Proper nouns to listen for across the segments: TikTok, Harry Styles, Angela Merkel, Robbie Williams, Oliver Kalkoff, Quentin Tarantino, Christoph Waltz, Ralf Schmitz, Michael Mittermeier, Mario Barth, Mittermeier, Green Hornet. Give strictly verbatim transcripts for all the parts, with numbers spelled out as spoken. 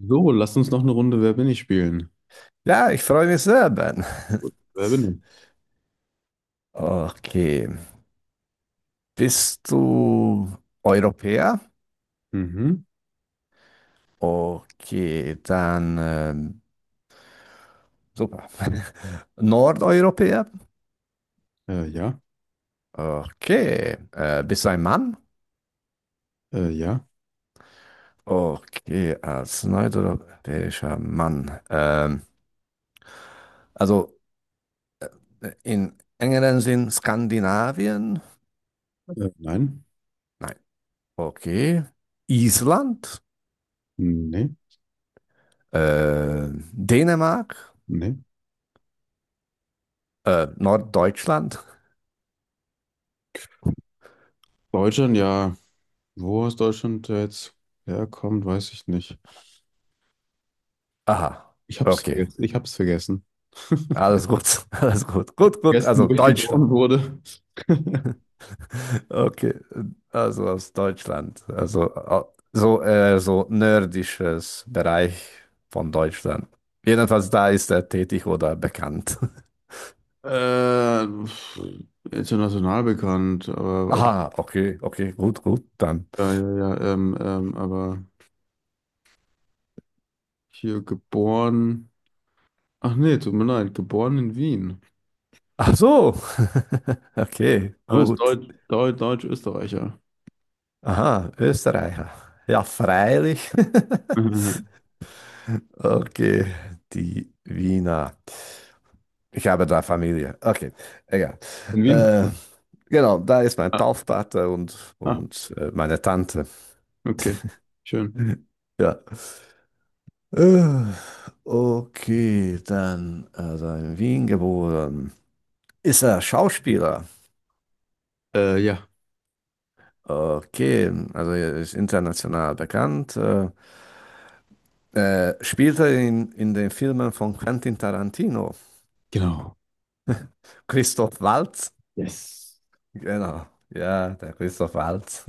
So, lass uns noch eine Runde Wer bin ich spielen. Ja, ich freue mich sehr, Ben. Gut, wer bin ich? Okay. Bist du Europäer? Mhm. Okay, dann ähm, super. Nordeuropäer? Äh, ja, Okay. Äh, bist du ein Mann? äh, ja, Okay, als nordeuropäischer Mann. Ähm, also äh, in engeren Sinn Skandinavien? äh, nein, Nein. Okay. Island? nee, Äh, Dänemark? nee. Äh, Norddeutschland? Deutschland, ja. Wo aus Deutschland jetzt herkommt, weiß ich nicht. Aha, Ich hab's okay. vergessen. Ich hab's vergessen. Alles gut, alles gut. Gut, gut, Vergessen, also wo ich Deutschland. geboren wurde. Okay, also aus Deutschland. Also au- so, äh, so nördisches Bereich von Deutschland. Jedenfalls da ist er tätig oder bekannt. Äh, pf, international bekannt, aber, aber Aha, okay, okay, gut, gut, dann. ja, ja, ja, ähm, ähm, aber hier geboren. Ach nee, tut mir leid, geboren in Wien. Ach so, okay, Aber ist gut. Deutsch, Deutsch, Deutsch-Österreicher. Aha, Österreicher. Ja, freilich. Okay, die Wiener. Ich habe da Familie. Okay, egal. Von Wien? Äh, genau, da ist mein Ah, Taufpate und, ah, und äh, meine Tante. okay. Schön. Ja. Äh, okay, dann, also in Wien geboren. Ist er Schauspieler? Äh, ja, Okay, also er ist international bekannt. Äh, äh, spielt er in, in den Filmen von Quentin Tarantino? genau. Christoph Waltz? Yes. Genau, ja, der Christoph Waltz.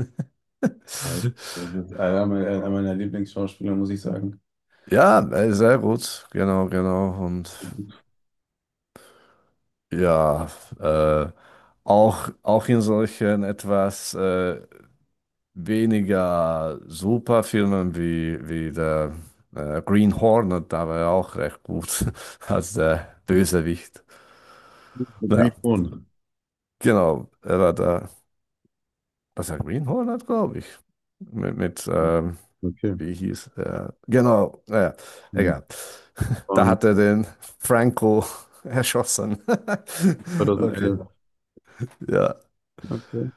Das ist einer meiner einer meiner Lieblingsschauspieler, muss ich sagen. Ja, äh, sehr gut, genau, genau. Und ja, äh, auch, auch in solchen etwas äh, weniger super Filmen wie, wie der äh, Green Hornet, da war er auch recht gut als der Bösewicht. The Green Naja, Phone. genau, er war da, was der Green Hornet, glaube ich, mit, mit ähm, Okay. wie hieß er? Genau, naja, Hm. egal. Da Von hat er den Franco erschossen. Okay, zweitausendelf. ja. Okay.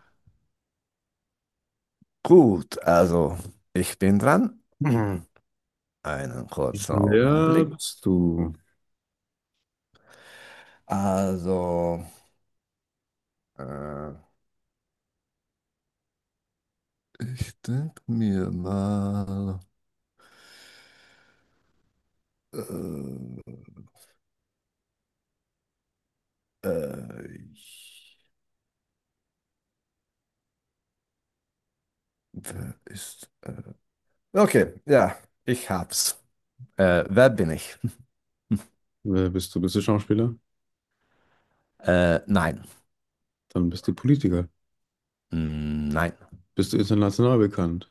Gut, also ich bin dran. Mhm. Einen kurzen Wer Augenblick. bist du? Also, äh, ich denke mir mal, äh, äh, ich- wer ist... Okay, ja, ich hab's. Äh, wer bin ich? Wer bist du? Bist du Schauspieler? Äh, nein. Dann bist du Politiker. Mm, nein. Bist du international bekannt?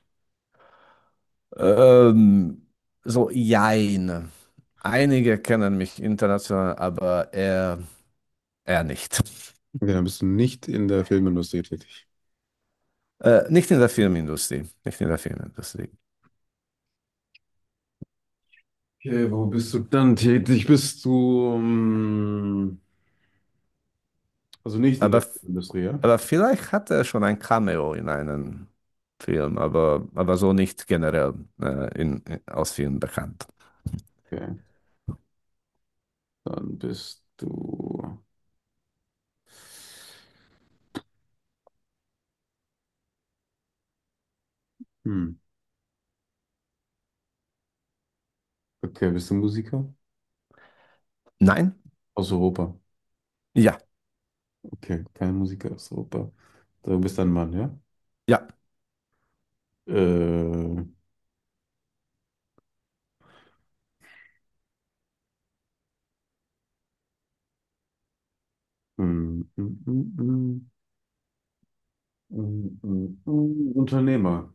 Ähm, so, jein. Einige kennen mich international, aber er, er nicht. Okay, dann bist du nicht in der Filmindustrie tätig. Äh, nicht in der Filmindustrie, nicht in der Filmindustrie. Okay, wo bist du dann tätig? Bist du, ähm, also nicht in der Aber, Filmindustrie, ja? aber vielleicht hat er schon ein Cameo in einem Film, aber, aber so nicht generell äh, in, in, aus Filmen bekannt. Okay. Dann bist du. Hm. Okay, bist du Musiker? Nein? Aus Europa. Ja, Okay, kein Musiker aus Europa. So, du bist ein Mann, ja? ja. Äh, hm, hm, hm, hm, hm, hm, hm. Unternehmer.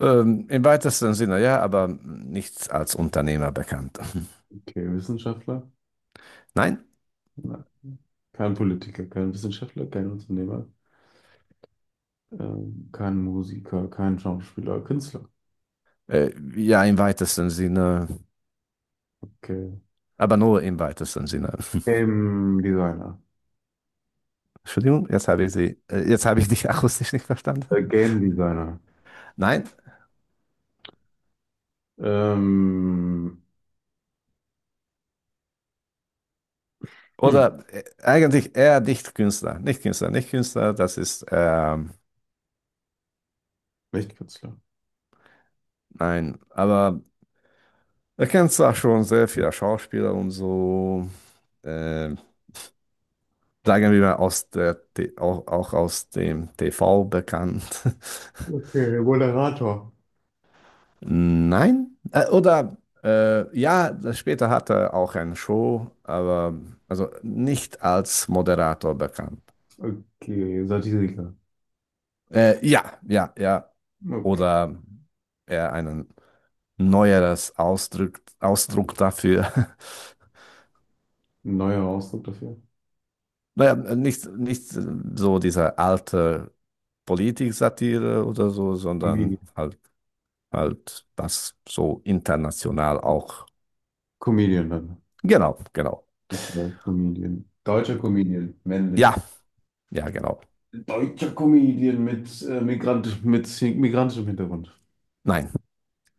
Ähm, im weitesten Sinne ja, aber nichts als Unternehmer bekannt. Okay, Wissenschaftler? Nein? Nein. Kein Politiker, kein Wissenschaftler, kein Unternehmer, ähm, kein Musiker, kein Schauspieler, Künstler. Äh, ja, im weitesten Sinne, Okay. aber nur im weitesten Sinne. Game Designer. Entschuldigung, jetzt habe ich sie, äh, jetzt habe ich dich akustisch nicht verstanden. Äh, Game Designer. Nein? Ähm, hm, Oder äh, eigentlich eher nicht Künstler. Nicht Künstler, nicht Künstler, das ist, ähm, nicht Künstler. nein, aber er kennt zwar schon sehr viele Schauspieler und so, äh, sagen wir mal aus der, T- auch, auch aus dem T V bekannt. Okay, Moderator. Nein, äh, oder äh, ja, das- später hat er auch eine Show, aber also nicht als Moderator bekannt. Okay, Satiriker. Äh, ja, ja, ja. Okay, Oder er einen neueres Ausdruck, Ausdruck dafür. ein neuer Ausdruck dafür. Naja, nicht, nicht so diese alte Politik-Satire oder so, sondern Comedian. halt, halt das so international auch. Comedian dann. Genau, genau. Okay, Comedian. Deutscher Comedian, Ja, männlich. ja, genau. Deutscher Comedian mit, äh, Migrant, mit migrantischem Hintergrund. Nein,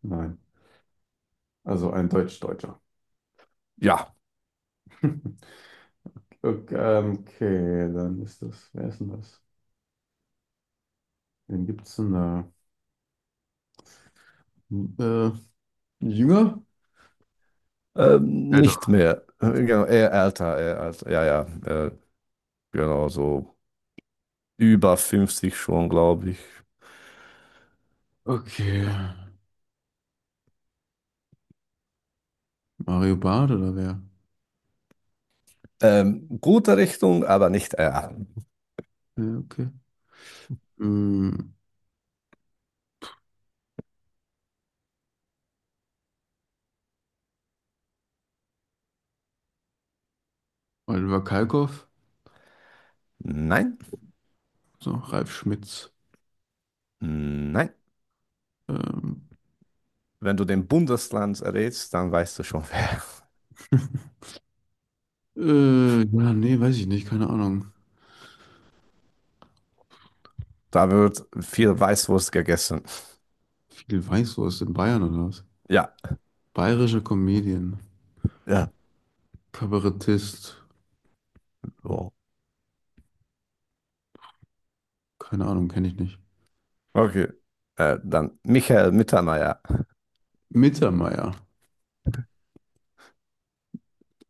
Nein, also ein Deutsch-Deutscher. ja. Okay, ähm, okay, dann ist das, wer ist denn das? Wen gibt's denn da? Äh, jünger? Ähm, Älter. nicht mehr. Äh, Genau, eher älter, eher älter. Ja, ja, äh, genau, so über fünfzig schon, glaube ich. Okay, Mario Barth oder wer? Ähm, gute Richtung, aber nicht eher. Ja, okay. Hm, Oliver Kalkoff? Nein, So, Ralf Schmitz. nein. Ähm, Wenn du den Bundesland errätst, dann weißt du schon, wer. äh, ja, nee, weiß ich nicht, keine Ahnung. Da wird viel Weißwurst gegessen. Viel Weißwurst in Bayern oder was? Ja, Bayerischer Comedian, ja. Kabarettist, So. keine Ahnung, kenne ich nicht. Okay. Äh, dann Michael Mittermeier. Mittermeier.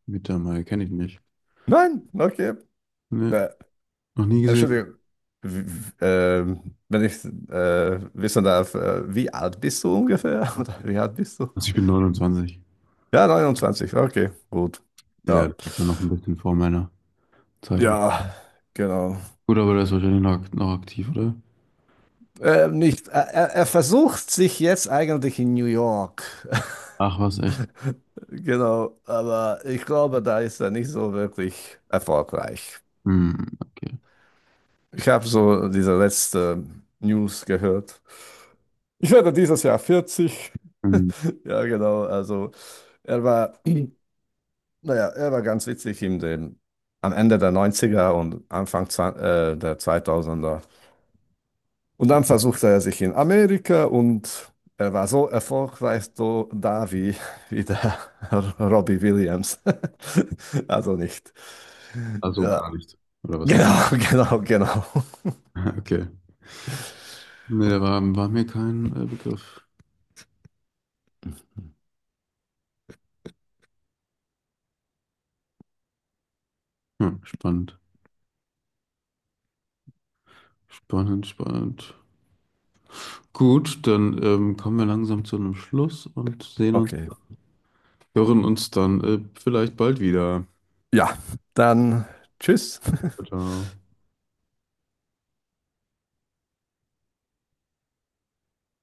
Mittermeier kenne ich nicht. Nein, okay. Nee, Äh, Äh, noch nie gesehen. Entschuldigung, w- w- ähm, wenn ich äh, wissen darf, äh, wie alt bist du ungefähr? Oder wie alt bist du? Also ich bin neunundzwanzig. Ja, neunundzwanzig. Okay, gut. Ja, Ja, das ist ja noch ein bisschen vor meiner Zeit. ja, genau. Gut, aber der ist wahrscheinlich noch, noch aktiv, oder? Äh, nicht, er, er er versucht sich jetzt eigentlich in New York. Ach, was, echt? Genau, aber ich glaube, da ist er nicht so wirklich erfolgreich. Hm, okay. Ich habe so diese letzte News gehört. Ich werde dieses Jahr vierzig. Hm, Ja, genau, also er war. Naja, er war ganz witzig in den, am Ende der Neunziger und Anfang zwa- äh, der zweitausender. Und dann versuchte er sich in Amerika und er war so erfolgreich so da wie, wie der Robbie Williams. Also nicht. also gar Ja, nicht, oder was? genau, genau, genau. Okay. Nee, da war, war mir kein äh, Begriff. Hm, spannend. Spannend, spannend. Gut, dann ähm, kommen wir langsam zu einem Schluss und sehen uns, Okay. hören uns dann äh, vielleicht bald wieder. Ja, dann tschüss. Ciao.